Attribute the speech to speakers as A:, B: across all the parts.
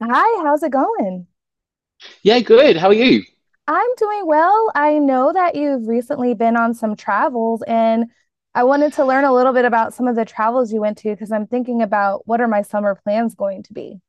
A: Hi, how's it going?
B: Yeah, good. How are you?
A: I'm doing well. I know that you've recently been on some travels, and I wanted to learn a little bit about some of the travels you went to because I'm thinking about what are my summer plans going to be?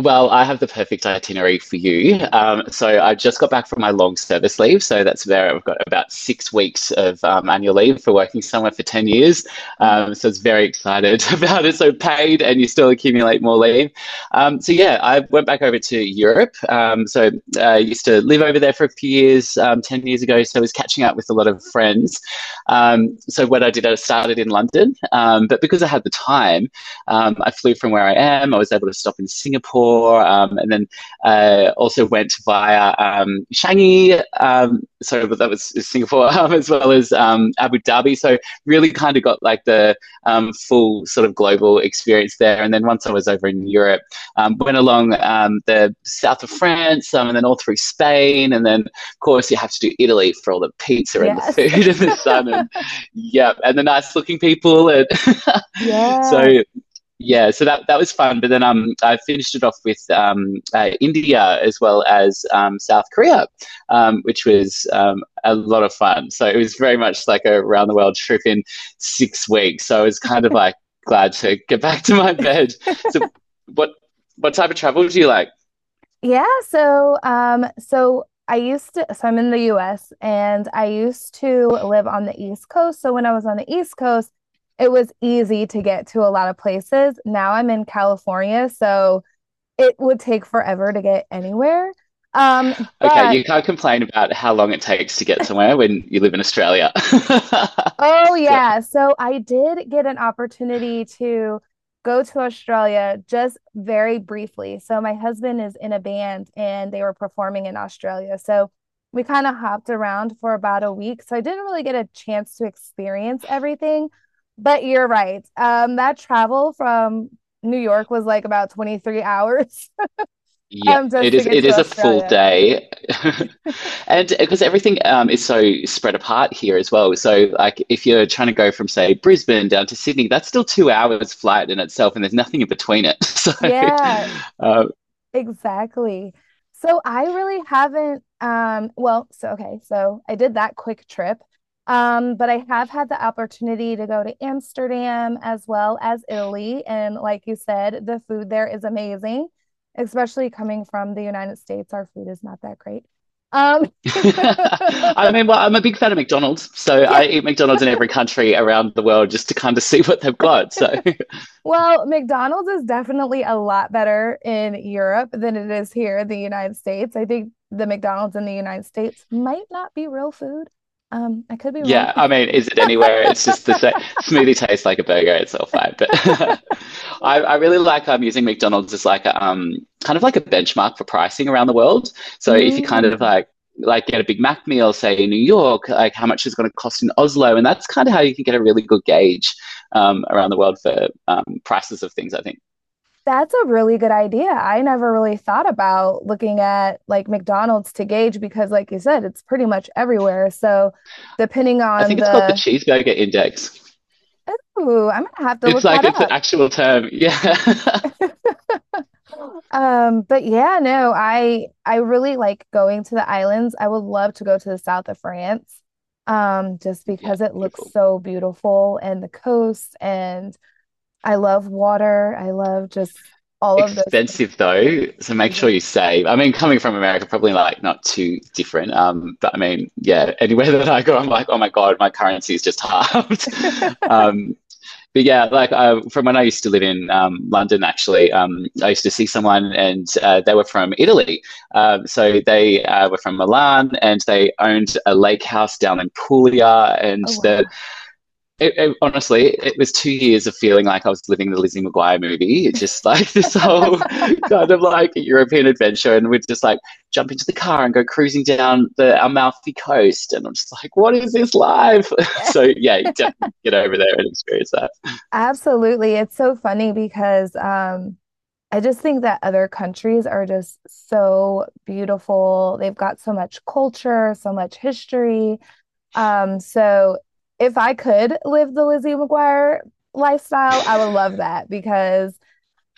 B: Well, I have the perfect itinerary for you. So I just got back from my long service leave. So that's there. I've got about 6 weeks of annual leave for working somewhere for 10 years.
A: Oh, wow.
B: So it's very excited about it. So paid, and you still accumulate more leave. So yeah, I went back over to Europe. So I used to live over there for a few years, 10 years ago. So I was catching up with a lot of friends. So what I did, I started in London. But because I had the time, I flew from where I am. I was able to stop in Singapore, and then also went via Changi. So that was Singapore as well as Abu Dhabi. So really kind of got like the full sort of global experience there. And then once I was over in Europe, went along the south of France, and then all through Spain, and then of course you have to do Italy for all the pizza and the
A: Yes.
B: food and the sun and yeah, and the nice looking people. And
A: Yeah.
B: so yeah, so that was fun. But then I finished it off with India as well as South Korea, which was a lot of fun. So it was very much like a round the world trip in 6 weeks. So I was kind of like glad to get back to my bed. So what what type of travel do you like?
A: So I'm in the US and I used to live on the East Coast. So when I was on the East Coast, it was easy to get to a lot of places. Now I'm in California, so it would take forever to get anywhere. Um,
B: Okay,
A: but
B: you can't complain about how long it takes to get somewhere when you live in Australia.
A: Oh
B: So
A: yeah, so I did get an opportunity to go to Australia just very briefly. So my husband is in a band and they were performing in Australia. So we kind of hopped around for about a week. So I didn't really get a chance to experience everything. But you're right. That travel from New York was like about 23 hours.
B: yeah,
A: Um,
B: it
A: just to
B: is
A: get
B: it
A: to
B: is a full
A: Australia.
B: day. And because everything is so spread apart here as well. So, like, if you're trying to go from, say, Brisbane down to Sydney, that's still 2 hours flight in itself, and there's nothing in between it. So,
A: Yeah.
B: um,
A: Exactly. So I really haven't well, so okay, so I did that quick trip. But I have had the opportunity to go to Amsterdam as well as Italy. And like you said, the food there is amazing, especially coming from the United States. Our food is not that great. Um,
B: I mean, well, I'm a big fan of McDonald's. So
A: yeah.
B: I eat McDonald's in every country around the world just to kind of see what they've got. So,
A: Well, McDonald's is definitely a lot better in Europe than it is here in the United States. I think the McDonald's in the United States might not be real food. I could be wrong.
B: yeah, I mean, is it anywhere? It's just the same. Smoothie tastes like a burger. It's all fine. But I really like using McDonald's as like a kind of like a benchmark for pricing around the world. So if you kind of
A: Mm,
B: like get a Big Mac meal, say in New York, like how much is going to cost in Oslo, and that's kind of how you can get a really good gauge around the world for prices of things, I think.
A: that's a really good idea. I never really thought about looking at like McDonald's to gauge because, like you said, it's pretty much everywhere. Depending
B: I
A: on
B: think it's called the
A: the,
B: cheeseburger index.
A: Ooh, I'm gonna have to
B: It's
A: look
B: like it's an
A: that
B: actual term. Yeah.
A: up. But Yeah, no. I really like going to the islands. I would love to go to the south of France, just
B: Yeah.
A: because it looks
B: Beautiful.
A: so beautiful and the coast. And I love water. I love just all of those things.
B: Expensive though, so make
A: Is
B: sure
A: it?
B: you save. I mean, coming from America, probably like not too different. But I mean, yeah, anywhere that I go, I'm like, oh my god, my currency is just halved. um, but yeah, like from when I used to live in London, actually, I used to see someone and they were from Italy. So they were from Milan, and they owned a lake house down in Puglia, and
A: Oh wow.
B: honestly, it was 2 years of feeling like I was living the Lizzie McGuire movie. It's just like this whole kind of like European adventure, and we'd just like jump into the car and go cruising down the Amalfi Coast. And I'm just like, what is this life?
A: Yeah.
B: So, yeah, definitely get over there and experience that.
A: Absolutely. It's so funny because I just think that other countries are just so beautiful. They've got so much culture, so much history. Um, so if I could live the Lizzie McGuire lifestyle, I would love that because,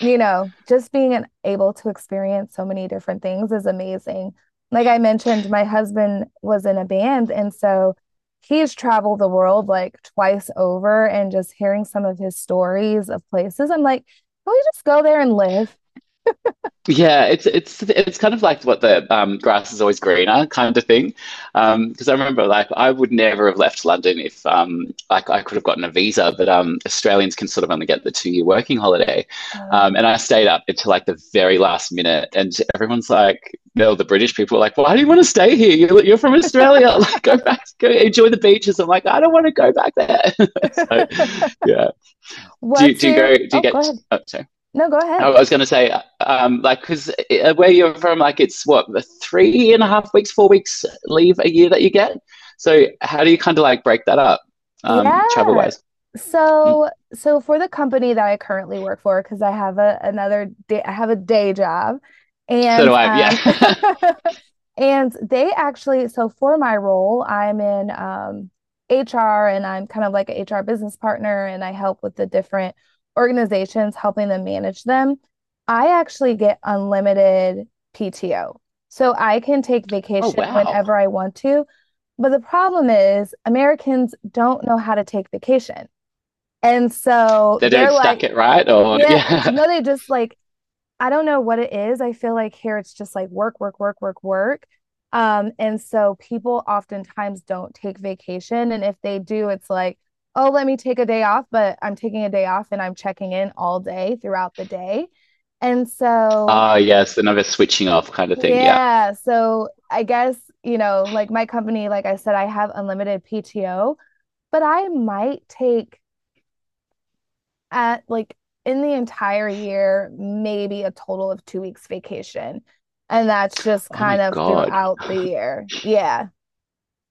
A: you know, just being able to experience so many different things is amazing. Like I mentioned, my husband was in a band, and so he's traveled the world like twice over and just hearing some of his stories of places. I'm like, can we just go there and live?
B: Yeah, it's kind of like what the grass is always greener kind of thing. Because I remember, like, I would never have left London if like I could have gotten a visa, but Australians can sort of only get the 2-year working holiday.
A: Oh,
B: And I stayed up until like the very last minute, and everyone's like, "No, the British people are like, why do you want to stay here? You're from Australia. Like, go back, go enjoy the beaches." I'm like, "I don't want to go back there." So, yeah. Do do you go? Do you
A: oh, go
B: get?
A: ahead.
B: Oh, sorry.
A: No, go
B: I
A: ahead.
B: was going to say, like, because where you're from, like, it's what 3.5 weeks, 4 weeks leave a year that you get. So how do you kind of like break that up, travel
A: Yeah.
B: wise?
A: So, for the company that I currently work for, because I have a another day, I have a day job,
B: So do
A: and
B: I. Yeah.
A: And they actually, so for my role, I'm in HR, and I'm kind of like an HR business partner, and I help with the different organizations, helping them manage them. I actually get unlimited PTO. So I can take
B: Oh
A: vacation
B: wow,
A: whenever I want to. But the problem is, Americans don't know how to take vacation. And so
B: they
A: they're
B: don't stack
A: like,
B: it right, or
A: yeah,
B: yeah.
A: no, they just like I don't know what it is. I feel like here it's just like work, work, work, work, work. And so people oftentimes don't take vacation. And if they do, it's like, oh, let me take a day off, but I'm taking a day off and I'm checking in all day throughout the day. And so,
B: Oh yes, another switching off kind of thing. Yeah.
A: yeah. So I guess, you know, like my company, like I said, I have unlimited PTO, but I might take at like in the entire year maybe a total of 2 weeks vacation. And that's just
B: Oh
A: kind
B: my
A: of
B: god,
A: throughout the year. Yeah.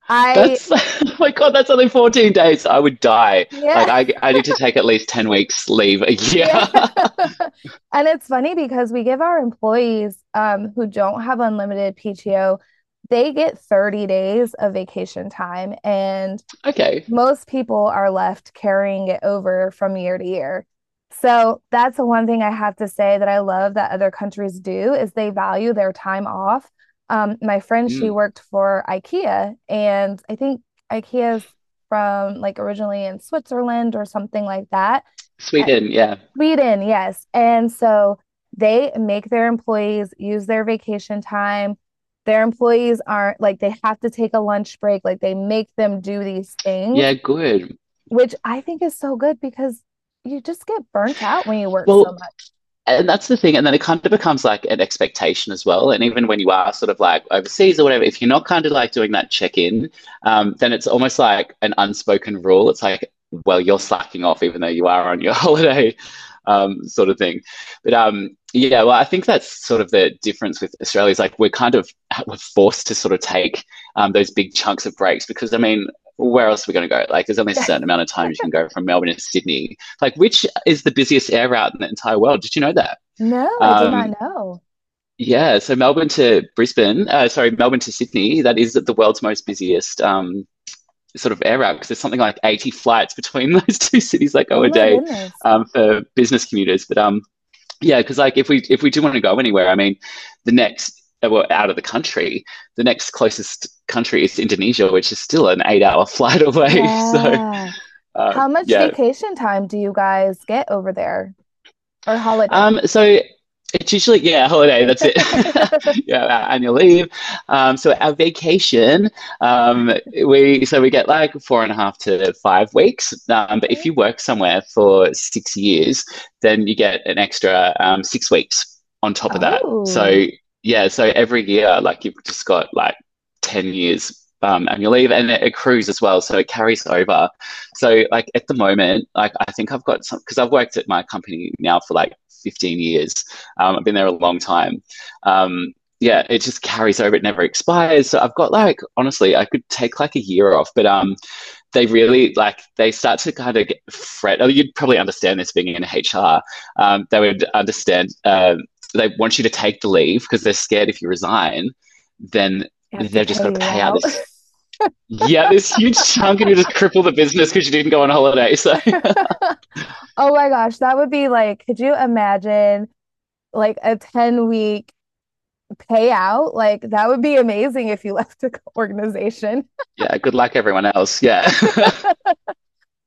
A: I,
B: that's oh my god, that's only 14 days. I would die. Like
A: yeah,
B: I need to take at least 10 weeks leave a year.
A: yeah. And it's funny because we give our employees who don't have unlimited PTO, they get 30 days of vacation time. And
B: Okay.
A: most people are left carrying it over from year to year. So that's the one thing I have to say that I love that other countries do is they value their time off. My friend, she
B: Mm.
A: worked for IKEA, and I think IKEA's from like originally in Switzerland or something like that. Uh,
B: Sweden, yeah,
A: Sweden, yes. And so they make their employees use their vacation time. Their employees aren't like they have to take a lunch break, like they make them do these things,
B: yeah, good.
A: which I think is so good because you just get burnt out when you work so
B: Well,
A: much.
B: and that's the thing. And then it kind of becomes like an expectation as well. And even when you are sort of like overseas or whatever, if you're not kind of like doing that check in, then it's almost like an unspoken rule. It's like, well, you're slacking off even though you are on your holiday, sort of thing. But yeah, well, I think that's sort of the difference with Australia is like we're forced to sort of take those big chunks of breaks, because I mean, where else are we going to go? Like, there's only a
A: Yes.
B: certain amount of time you can go from Melbourne to Sydney, like, which is the busiest air route in the entire world. Did you know that?
A: No, I did
B: Um,
A: not know.
B: yeah, so Melbourne to Brisbane, sorry, Melbourne to Sydney, that is the world's most busiest sort of air route because there's something like 80 flights between those two cities that go
A: Oh
B: a
A: my
B: day
A: goodness.
B: for business commuters. But yeah, because like if we do want to go anywhere, I mean, the next well, out of the country, the next closest country is Indonesia, which is still an 8-hour flight away. So
A: Yeah. How much
B: yeah.
A: vacation time do you guys get over there, or holiday?
B: So it's usually, yeah, holiday, that's it. Yeah, our annual leave. So our vacation. um, we, we get like 4.5 to 5 weeks, but if
A: Okay.
B: you work somewhere for 6 years, then you get an extra 6 weeks on top of that.
A: Oh.
B: So yeah, so every year, like, you've just got like 10 years annual leave, and it accrues as well, so it carries over. So like, at the moment, like, I think I've got some because I've worked at my company now for like 15 years. I've been there a long time. um, yeah, it just carries over, it never expires, so I've got like, honestly, I could take like a year off, but they really, like, they start to kind of get fret. Oh, you'd probably understand this, being in HR. They would understand, they want you to take the leave because they're scared if you resign, then
A: You have to
B: they've just got
A: pay
B: to
A: you
B: pay out
A: out.
B: this, yeah, this huge chunk, and you just cripple the business because you didn't go on holiday. So,
A: Oh my gosh, that would be like, could you imagine like a 10-week payout? Like that would be amazing if you left the organization.
B: yeah, good luck, everyone else. Yeah.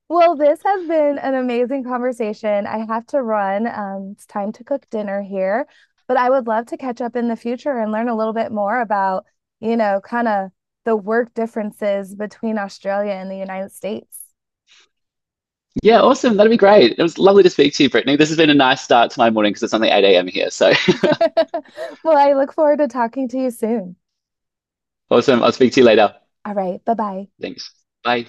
A: Well, this has been an amazing conversation. I have to run. It's time to cook dinner here, but I would love to catch up in the future and learn a little bit more about, you know, kind of the work differences between Australia and the United States.
B: Yeah, awesome. That'd be great. It was lovely to speak to you, Brittany. This has been a nice start to my morning because it's only 8 a.m. here. So,
A: Well, I look forward to talking to you soon.
B: awesome. I'll speak to you later.
A: All right, bye-bye.
B: Thanks. Bye.